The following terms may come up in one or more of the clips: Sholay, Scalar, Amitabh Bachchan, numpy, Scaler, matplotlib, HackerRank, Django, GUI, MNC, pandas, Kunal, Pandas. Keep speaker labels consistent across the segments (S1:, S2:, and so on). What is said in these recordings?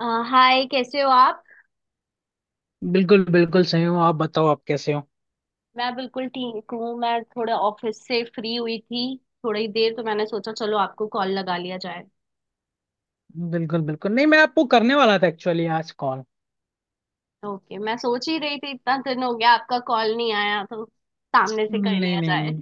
S1: अ, hi कैसे हो आप।
S2: बिल्कुल बिल्कुल सही हूँ। आप बताओ आप कैसे हो।
S1: मैं बिल्कुल ठीक हूँ, मैं थोड़े ऑफिस से फ्री हुई थी। थोड़ी देर तो मैंने सोचा चलो आपको कॉल लगा लिया जाए।
S2: बिल्कुल बिल्कुल, नहीं मैं आपको करने वाला था एक्चुअली आज कॉल।
S1: ओके, मैं सोच ही रही थी इतना दिन हो गया आपका कॉल नहीं आया तो सामने से कर
S2: नहीं
S1: लिया
S2: नहीं
S1: जाए।
S2: नहीं,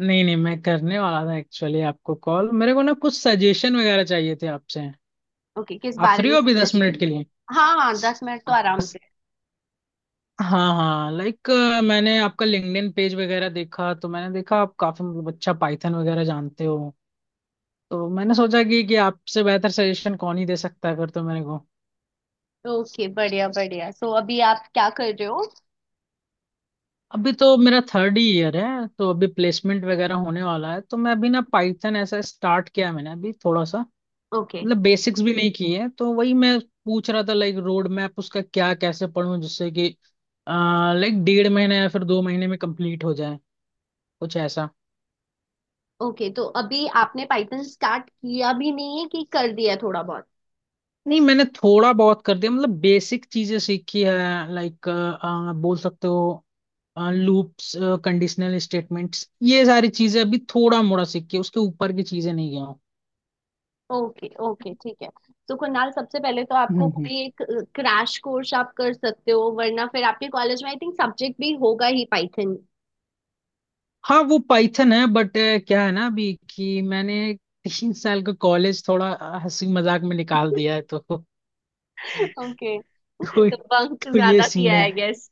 S2: नहीं नहीं मैं करने वाला था एक्चुअली आपको कॉल। मेरे को ना कुछ सजेशन वगैरह चाहिए थे आपसे।
S1: ओके, किस
S2: आप
S1: बारे
S2: फ्री
S1: में
S2: हो अभी 10 मिनट
S1: सजेशन।
S2: के लिए?
S1: हाँ हाँ, 10 मिनट तो आराम
S2: बस।
S1: से।
S2: हाँ हाँ, लाइक मैंने आपका लिंक्डइन पेज वगैरह देखा तो मैंने देखा आप काफी मतलब अच्छा पाइथन वगैरह जानते हो। तो मैंने सोचा कि आपसे बेहतर सजेशन कौन ही दे सकता है फिर तो मेरे को।
S1: ओके, बढ़िया बढ़िया। सो अभी आप क्या कर रहे हो।
S2: अभी तो मेरा थर्ड ही ईयर है, तो अभी प्लेसमेंट वगैरह होने वाला है, तो मैं अभी ना पाइथन ऐसा स्टार्ट किया है मैंने अभी थोड़ा सा।
S1: ओके
S2: मतलब बेसिक्स भी नहीं किए हैं, तो वही मैं पूछ रहा था, लाइक रोड मैप उसका क्या, कैसे पढूं जिससे कि लाइक डेढ़ महीने या फिर 2 महीने में कंप्लीट हो जाए, कुछ ऐसा।
S1: ओके, तो अभी आपने पाइथन स्टार्ट किया भी नहीं है कि कर दिया थोड़ा बहुत।
S2: नहीं मैंने थोड़ा बहुत कर दिया, मतलब बेसिक चीजें सीखी है। लाइक बोल सकते हो, लूप्स, कंडीशनल स्टेटमेंट्स, ये सारी चीजें अभी थोड़ा मोड़ा सीखी है, उसके ऊपर की चीजें नहीं गया।
S1: ओके ओके, ठीक है। तो कुणाल, सबसे पहले तो आपको
S2: हूँ।
S1: कोई एक क्रैश कोर्स आप कर सकते हो, वरना फिर आपके कॉलेज में आई थिंक सब्जेक्ट भी होगा ही पाइथन।
S2: हाँ वो पाइथन है बट क्या है ना अभी कि मैंने 3 साल का कॉलेज थोड़ा हंसी मजाक में निकाल दिया है तो
S1: ओके,
S2: तो,
S1: तो बंक
S2: तो ये
S1: ज्यादा
S2: सीन
S1: किया
S2: है।
S1: है गेस।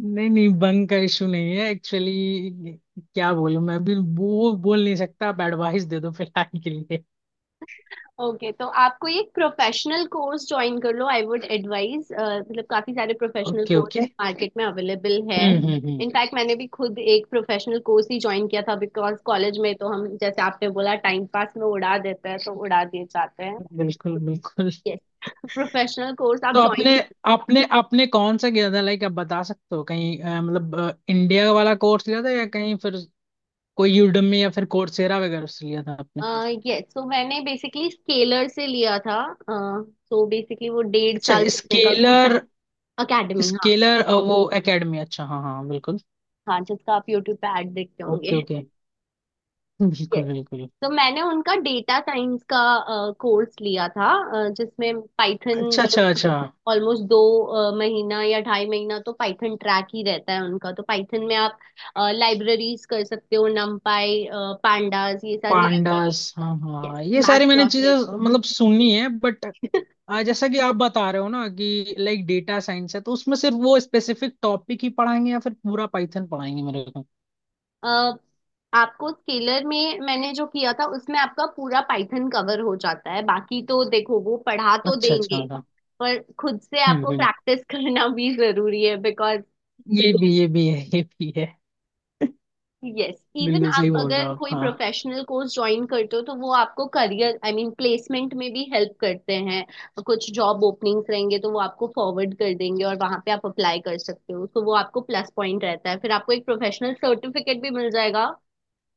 S2: नहीं नहीं बंक का इशू नहीं है एक्चुअली। क्या बोलूं मैं, अभी वो बोल नहीं सकता, आप एडवाइस दे दो फिलहाल के लिए।
S1: ओके, तो आपको ये प्रोफेशनल कोर्स ज्वाइन कर लो, आई वुड एडवाइज। मतलब काफी सारे professional
S2: okay
S1: course
S2: okay.
S1: Market में अवेलेबल है।
S2: हम्म।
S1: इनफैक्ट मैंने भी खुद एक प्रोफेशनल कोर्स ही ज्वाइन किया था बिकॉज कॉलेज में तो हम जैसे आपने बोला टाइम पास में उड़ा देते हैं तो उड़ा दिए जाते हैं।
S2: बिल्कुल बिल्कुल।
S1: यस, प्रोफेशनल कोर्स आप
S2: तो आपने
S1: ज्वाइन।
S2: आपने आपने कौन सा किया था? लाइक आप बता सकते हो, कहीं मतलब इंडिया वाला कोर्स लिया था या कहीं फिर कोई यूडमी या फिर कोर्सेरा वगैरह से लिया था?
S1: यस, तो मैंने बेसिकली स्केलर से लिया था। सो बेसिकली वो डेढ़
S2: अच्छा
S1: साल चलने का कोर्स।
S2: स्केलर।
S1: एकेडमी, हाँ।
S2: स्केलर, वो एकेडमी, अच्छा हाँ हाँ बिल्कुल।
S1: हाँ, जिसका आप यूट्यूब पे ऐड देखते होंगे।
S2: Okay okay.
S1: यस,
S2: बिल्कुल बिल्कुल।
S1: तो मैंने उनका डेटा साइंस का कोर्स लिया था। जिसमें पाइथन
S2: अच्छा
S1: वो लोग
S2: अच्छा अच्छा।
S1: ऑलमोस्ट 2 महीना या 2.5 महीना तो पाइथन ट्रैक ही रहता है उनका। तो पाइथन में आप लाइब्रेरीज कर सकते हो, numpy पाई पांडास ये सारी लाइब्रेरी।
S2: पांडास, हाँ
S1: यस,
S2: हाँ ये सारी मैंने
S1: मैटप्लॉट।
S2: चीजें मतलब सुनी है बट जैसा कि आप बता रहे हो ना कि लाइक डेटा साइंस है, तो उसमें सिर्फ वो स्पेसिफिक टॉपिक ही पढ़ाएंगे या फिर पूरा पाइथन पढ़ाएंगे मेरे को?
S1: अ, आपको स्केलर में मैंने जो किया था उसमें आपका पूरा पाइथन कवर हो जाता है, बाकी तो देखो वो पढ़ा तो
S2: अच्छा अच्छा
S1: देंगे
S2: हाँ।
S1: पर खुद से आपको
S2: हम्म।
S1: प्रैक्टिस करना भी जरूरी है बिकॉज।
S2: ये भी, ये भी है ये भी है।
S1: यस, इवन
S2: बिल्कुल
S1: आप
S2: सही बोल रहे
S1: अगर
S2: हो आप,
S1: कोई
S2: हाँ।
S1: प्रोफेशनल कोर्स ज्वाइन करते हो तो वो आपको करियर आई मीन प्लेसमेंट में भी हेल्प करते हैं। कुछ जॉब ओपनिंग्स रहेंगे तो वो आपको फॉरवर्ड कर देंगे और वहां पे आप अप्लाई कर सकते हो, तो वो आपको प्लस पॉइंट रहता है। फिर आपको एक प्रोफेशनल सर्टिफिकेट भी मिल जाएगा,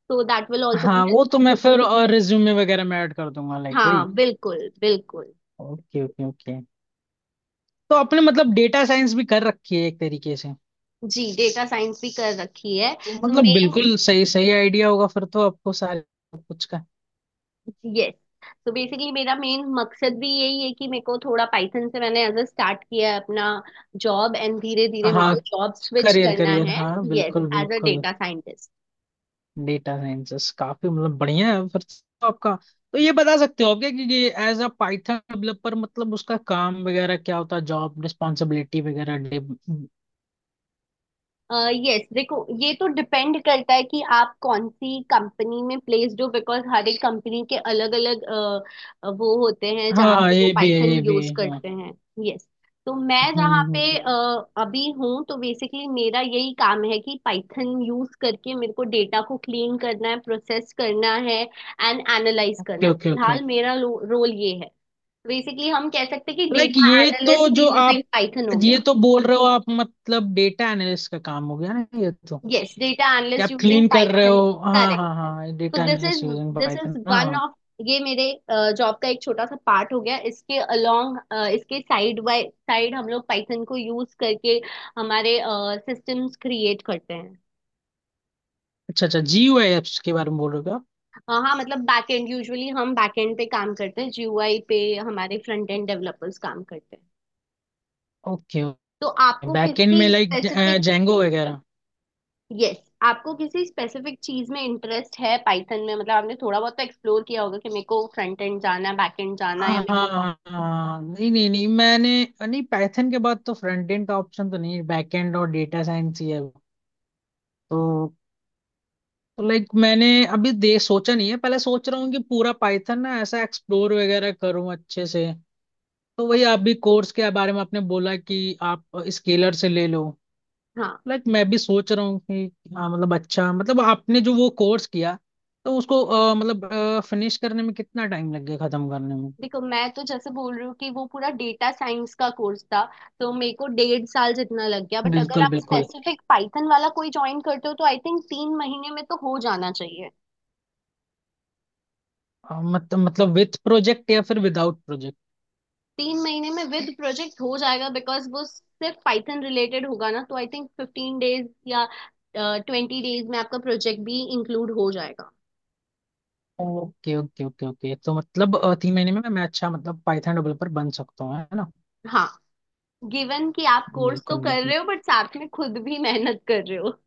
S1: तो दैट विल ऑल्सो बी।
S2: हाँ वो तो मैं फिर और रिज्यूमे वगैरह में ऐड कर दूंगा, लाइक
S1: हाँ
S2: वही।
S1: बिल्कुल बिल्कुल।
S2: Okay okay okay. तो आपने मतलब डेटा साइंस भी कर रखी है एक तरीके से।
S1: जी, डेटा साइंस भी कर रखी है।
S2: तो
S1: तो
S2: मतलब
S1: मेन,
S2: बिल्कुल सही सही आइडिया होगा फिर तो आपको सारे, सब कुछ का।
S1: यस, तो बेसिकली मेरा मेन मकसद भी यही है कि मेरे को थोड़ा पाइथन से मैंने एज अ स्टार्ट किया है अपना जॉब एंड धीरे धीरे मेरे
S2: हाँ,
S1: को जॉब स्विच
S2: करियर
S1: करना
S2: करियर
S1: है।
S2: हाँ
S1: यस,
S2: बिल्कुल
S1: एज अ
S2: बिल्कुल।
S1: Data scientist.
S2: डेटा साइंसेस काफी मतलब बढ़िया है फिर तो आपका। तो ये बता सकते हो आप क्या, कि एज अ पाइथन डेवलपर मतलब उसका काम वगैरह क्या होता है, जॉब रिस्पॉन्सिबिलिटी वगैरह, डे-।
S1: यस, देखो, ये तो डिपेंड करता है कि आप कौन सी कंपनी में प्लेस्ड हो बिकॉज हर एक कंपनी के अलग अलग वो होते हैं
S2: हाँ
S1: जहाँ
S2: हाँ,
S1: पे वो
S2: ये भी है
S1: पाइथन
S2: ये भी
S1: यूज
S2: है, हाँ।
S1: करते हैं। यस, तो मैं जहाँ पे
S2: हम्म।
S1: अभी हूँ, तो बेसिकली मेरा यही काम है कि पाइथन यूज करके मेरे को डेटा को क्लीन करना है, प्रोसेस करना है एंड एनालाइज करना
S2: ओके
S1: है।
S2: Okay okay.
S1: फिलहाल मेरा रोल ये है। बेसिकली हम कह सकते हैं कि
S2: लाइक
S1: डेटा
S2: ये तो
S1: एनालिस्ट
S2: जो आप
S1: यूजिंग पाइथन हो
S2: ये
S1: गया।
S2: तो बोल रहे हो आप मतलब डेटा एनालिस्ट का काम हो गया ना ये तो।
S1: यस, डेटा
S2: ये
S1: एनालिस्ट
S2: आप
S1: यूजिंग
S2: क्लीन कर रहे हो,
S1: पाइथन।
S2: हाँ हाँ हाँ,
S1: तो
S2: data
S1: this is
S2: analyst using
S1: this is
S2: Python, हाँ
S1: वन
S2: हाँ।
S1: ऑफ, ये मेरे जॉब का एक छोटा सा पार्ट हो गया। इसके अलोंग, इसके साइड बाय साइड हम लोग पाइथन को यूज करके हमारे सिस्टम्स क्रिएट करते हैं।
S2: अच्छा अच्छा, जीयूआई एप्स के बारे में बोल रहे हो आप?
S1: हाँ, मतलब बैक एंड, यूजुअली हम बैक एंड पे काम करते हैं, जीयूआई पे हमारे फ्रंट एंड डेवलपर्स काम करते हैं।
S2: ओके
S1: तो
S2: ओके।
S1: आपको
S2: बैकएंड में,
S1: किसी
S2: लाइक
S1: स्पेसिफिक,
S2: जेंगो वगैरह?
S1: यस, yes, आपको किसी स्पेसिफिक चीज में इंटरेस्ट है पाइथन में, मतलब आपने थोड़ा बहुत तो एक्सप्लोर किया होगा कि मेरे को फ्रंट एंड जाना है, बैक एंड जाना है, या
S2: हाँ
S1: मेरे
S2: हाँ
S1: को,
S2: हाँ, हाँ। नहीं नहीं नहीं, मैंने नहीं पाइथन के बाद तो फ्रंट एंड का ऑप्शन तो नहीं है, बैकएंड और डेटा साइंस ही है वो। तो तो लाइक मैंने अभी दे सोचा नहीं है, पहले सोच रहा हूँ कि पूरा पाइथन ना ऐसा एक्सप्लोर वगैरह करूँ अच्छे से। तो वही आप भी कोर्स के बारे में आपने बोला कि आप स्केलर से ले लो।
S1: हाँ।
S2: लाइक मैं भी सोच रहा हूँ कि हाँ, मतलब अच्छा, मतलब आपने जो वो कोर्स किया तो उसको मतलब फिनिश करने में कितना टाइम लग गया, खत्म करने में?
S1: देखो, मैं तो जैसे बोल रही हूँ कि वो पूरा डेटा साइंस का कोर्स था, तो मेरे को 1.5 साल जितना लग गया, बट अगर
S2: बिल्कुल
S1: आप
S2: बिल्कुल।
S1: स्पेसिफिक पाइथन वाला कोई ज्वाइन करते हो तो आई थिंक 3 महीने में तो हो जाना चाहिए।
S2: अ, मत, मतलब विथ प्रोजेक्ट या फिर विदाउट प्रोजेक्ट?
S1: 3 महीने में विद प्रोजेक्ट हो जाएगा बिकॉज वो सिर्फ पाइथन रिलेटेड होगा ना, तो आई थिंक 15 डेज या 20 डेज में आपका प्रोजेक्ट भी इंक्लूड हो जाएगा।
S2: ओके ओके ओके ओके, तो मतलब 3 महीने में मैं अच्छा मतलब पाइथन डेवलपर बन सकता हूँ है ना?
S1: हाँ, गिवन कि आप कोर्स तो
S2: बिल्कुल
S1: कर
S2: बिल्कुल
S1: रहे हो बट साथ में खुद भी मेहनत कर रहे हो।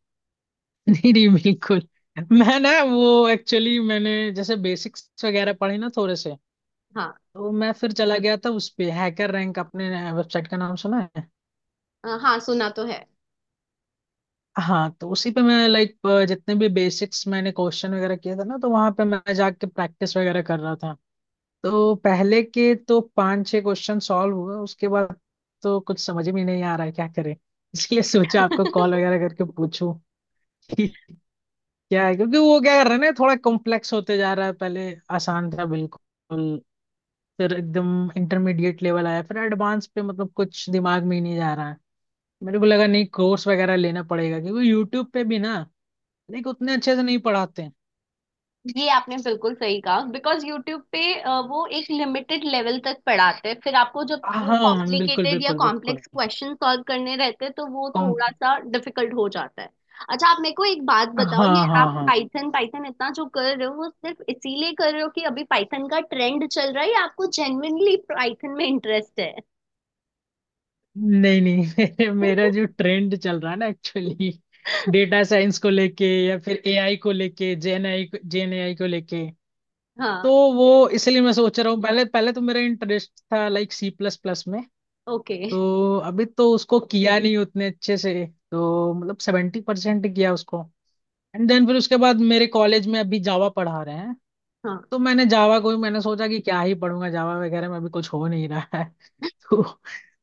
S2: नहीं नहीं बिल्कुल। मैं ना वो एक्चुअली मैंने जैसे बेसिक्स वगैरह पढ़े ना थोड़े से,
S1: हाँ,
S2: तो मैं फिर चला गया था उस पे, हैकर रैंक, आपने वेबसाइट का नाम सुना है?
S1: हाँ, सुना तो है।
S2: हाँ। तो उसी पे मैं, लाइक जितने भी बेसिक्स मैंने क्वेश्चन वगैरह किए थे ना, तो वहां पे मैं जाके प्रैक्टिस वगैरह कर रहा था। तो पहले के तो 5-6 क्वेश्चन सॉल्व हुए, उसके बाद तो कुछ समझ में नहीं आ रहा है, क्या करें। इसलिए सोचा आपको कॉल वगैरह करके पूछूं कि क्या है, क्योंकि वो क्या कर रहा है ना, थोड़ा कॉम्प्लेक्स होते जा रहा है। पहले आसान था बिल्कुल, फिर एकदम इंटरमीडिएट लेवल आया, फिर एडवांस पे मतलब कुछ दिमाग में ही नहीं जा रहा है। मेरे को लगा नहीं, कोर्स वगैरह लेना पड़ेगा, क्योंकि यूट्यूब पे भी ना देख उतने अच्छे से नहीं पढ़ाते हैं।
S1: ये आपने बिल्कुल सही कहा बिकॉज यूट्यूब पे वो एक लिमिटेड लेवल तक पढ़ाते हैं, फिर आपको जब वो
S2: हाँ बिल्कुल
S1: कॉम्प्लिकेटेड या
S2: बिल्कुल बिल्कुल।
S1: कॉम्प्लेक्स क्वेश्चन सॉल्व करने रहते हैं तो वो
S2: कॉम।
S1: थोड़ा सा डिफिकल्ट हो जाता है। अच्छा, आप मेरे को एक बात
S2: हाँ
S1: बताओ, ये
S2: हाँ
S1: आप
S2: हाँ।
S1: पाइथन पाइथन इतना जो कर रहे हो वो सिर्फ इसीलिए कर रहे हो कि अभी पाइथन का ट्रेंड चल रहा है या आपको जेन्युइनली पाइथन में इंटरेस्ट है।
S2: नहीं नहीं मेरा जो ट्रेंड चल रहा है ना एक्चुअली, डेटा साइंस को लेके या फिर एआई को लेके, जेन एआई को लेके। तो
S1: हाँ।
S2: वो इसलिए मैं सोच रहा हूँ। पहले पहले तो मेरा इंटरेस्ट था, लाइक सी प्लस प्लस में।
S1: ओके।
S2: तो अभी तो उसको किया नहीं उतने अच्छे से, तो मतलब 70% किया उसको। एंड देन फिर उसके बाद मेरे कॉलेज में अभी जावा पढ़ा रहे हैं,
S1: हाँ
S2: तो मैंने जावा को ही मैंने सोचा कि क्या ही पढ़ूंगा, जावा वगैरह में अभी कुछ हो नहीं रहा है तो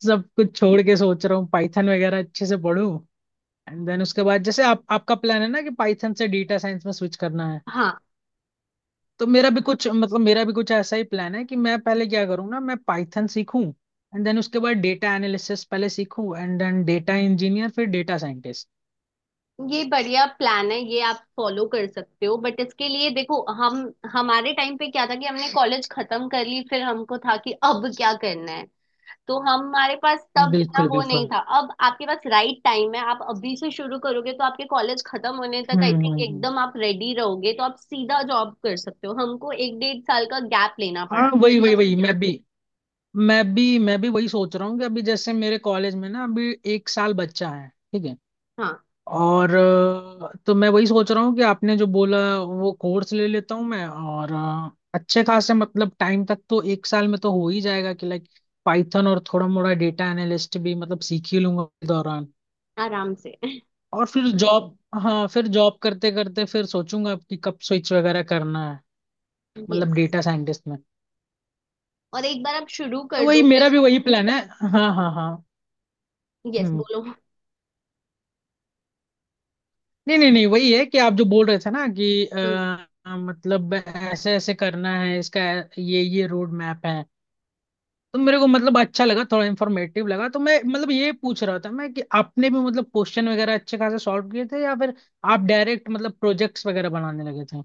S2: सब कुछ छोड़ के सोच रहा हूँ पाइथन वगैरह अच्छे से पढूं। एंड देन उसके बाद जैसे आप, आपका प्लान है ना कि पाइथन से डेटा साइंस में स्विच करना है,
S1: हाँ,
S2: तो मेरा भी कुछ मतलब, मेरा भी कुछ ऐसा ही प्लान है कि मैं पहले क्या करूंगा, मैं पाइथन सीखूं, एंड देन उसके बाद डेटा एनालिसिस पहले सीखूं, एंड देन डेटा इंजीनियर, फिर डेटा साइंटिस्ट।
S1: ये बढ़िया प्लान है, ये आप फॉलो कर सकते हो, बट इसके लिए देखो, हम, हमारे टाइम पे क्या था कि हमने कॉलेज खत्म कर ली, फिर हमको था कि अब क्या करना है। तो हमारे पास तब इतना
S2: बिल्कुल
S1: वो नहीं
S2: बिल्कुल।
S1: था। अब आपके पास राइट टाइम है, आप अभी से शुरू करोगे तो आपके कॉलेज खत्म होने तक आई
S2: हम्म हम्म
S1: थिंक
S2: हम्म।
S1: एकदम आप रेडी रहोगे, तो आप सीधा जॉब कर सकते हो। हमको 1-1.5 साल का गैप लेना पड़ा
S2: हाँ वही वही
S1: बिकॉज,
S2: वही, मैं भी मैं भी वही सोच रहा हूँ कि अभी जैसे मेरे कॉलेज में ना अभी 1 साल बच्चा है, ठीक है।
S1: हाँ,
S2: और तो मैं वही सोच रहा हूँ कि आपने जो बोला वो कोर्स ले लेता हूँ मैं, और अच्छे खासे मतलब टाइम तक, तो 1 साल में तो हो ही जाएगा कि लाइक पाइथन और थोड़ा मोड़ा डेटा एनालिस्ट भी मतलब सीख ही लूंगा के दौरान।
S1: आराम से।
S2: और फिर जॉब, हाँ फिर जॉब करते करते फिर सोचूंगा कि कब स्विच वगैरह करना है, मतलब
S1: यस।
S2: डेटा साइंटिस्ट में।
S1: और एक बार आप शुरू
S2: तो
S1: कर
S2: वही,
S1: दोगे
S2: मेरा भी वही
S1: तो,
S2: प्लान है। हाँ हाँ हाँ।
S1: यस,
S2: हम्म।
S1: बोलो।
S2: नहीं नहीं नहीं, वही है कि आप जो बोल रहे थे ना कि
S1: हम्म।
S2: मतलब ऐसे ऐसे करना है इसका, ये रोड मैप है। तो मेरे को मतलब अच्छा लगा, थोड़ा इंफॉर्मेटिव लगा, तो मैं मतलब ये पूछ रहा था मैं कि आपने भी मतलब क्वेश्चन वगैरह अच्छे खासे सॉल्व किए थे या फिर आप डायरेक्ट मतलब प्रोजेक्ट्स वगैरह बनाने लगे थे?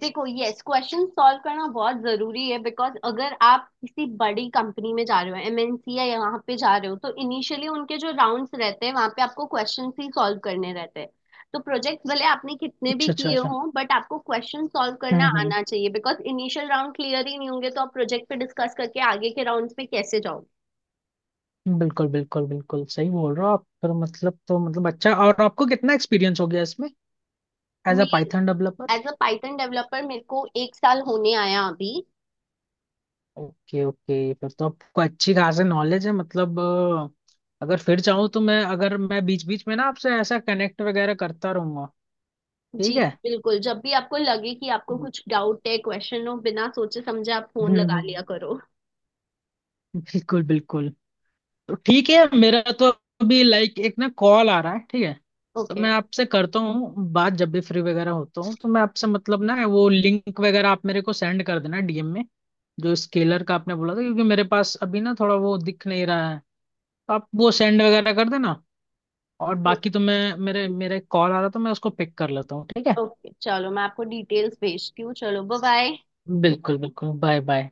S1: देखो, यस, क्वेश्चन सॉल्व करना बहुत जरूरी है, बिकॉज अगर आप किसी बड़ी कंपनी में जा रहे हो, एमएनसी या यहाँ पे जा रहे हो, तो इनिशियली उनके जो राउंड्स रहते हैं वहां पे आपको क्वेश्चन ही सॉल्व करने रहते हैं। तो प्रोजेक्ट भले आपने कितने भी
S2: अच्छा अच्छा
S1: किए
S2: अच्छा।
S1: हों, बट आपको क्वेश्चन सॉल्व करना
S2: हम्म।
S1: आना चाहिए बिकॉज इनिशियल राउंड क्लियर ही नहीं होंगे तो आप प्रोजेक्ट पे डिस्कस करके आगे के राउंड्स पे कैसे जाओगे।
S2: बिल्कुल बिल्कुल बिल्कुल सही बोल रहे हो आप, फिर मतलब तो मतलब अच्छा, और आपको कितना एक्सपीरियंस हो गया इसमें, एज अ
S1: मैं,
S2: Python?
S1: As a Python developer मेरे को 1 साल होने आया अभी।
S2: ओके ओके, फिर तो आपको अच्छी खासी नॉलेज है मतलब। अगर फिर चाहूँ तो मैं, अगर मैं बीच बीच में ना आपसे ऐसा कनेक्ट वगैरह करता रहूंगा,
S1: जी
S2: ठीक है?
S1: बिल्कुल, जब भी आपको लगे कि आपको
S2: हम्म।
S1: कुछ डाउट है, क्वेश्चन हो, बिना सोचे समझे आप फोन
S2: हम्म,
S1: लगा लिया
S2: हम्म,
S1: करो।
S2: बिल्कुल बिल्कुल। तो ठीक है, मेरा तो अभी लाइक एक ना कॉल आ रहा है, ठीक है। तो
S1: ओके
S2: मैं आपसे करता हूँ बात जब भी फ्री वगैरह होता हूँ, तो मैं आपसे मतलब ना वो लिंक वगैरह आप मेरे को सेंड कर देना डीएम में, जो स्केलर का आपने बोला था, क्योंकि मेरे पास अभी ना थोड़ा वो दिख नहीं रहा है, तो आप वो सेंड वगैरह कर देना। और बाकी तो मैं, मेरे मेरे कॉल आ रहा था, मैं उसको पिक कर लेता हूँ, ठीक है।
S1: ओके, चलो मैं आपको डिटेल्स भेजती हूँ, चलो बाय बाय।
S2: बिल्कुल बिल्कुल, बाय बाय।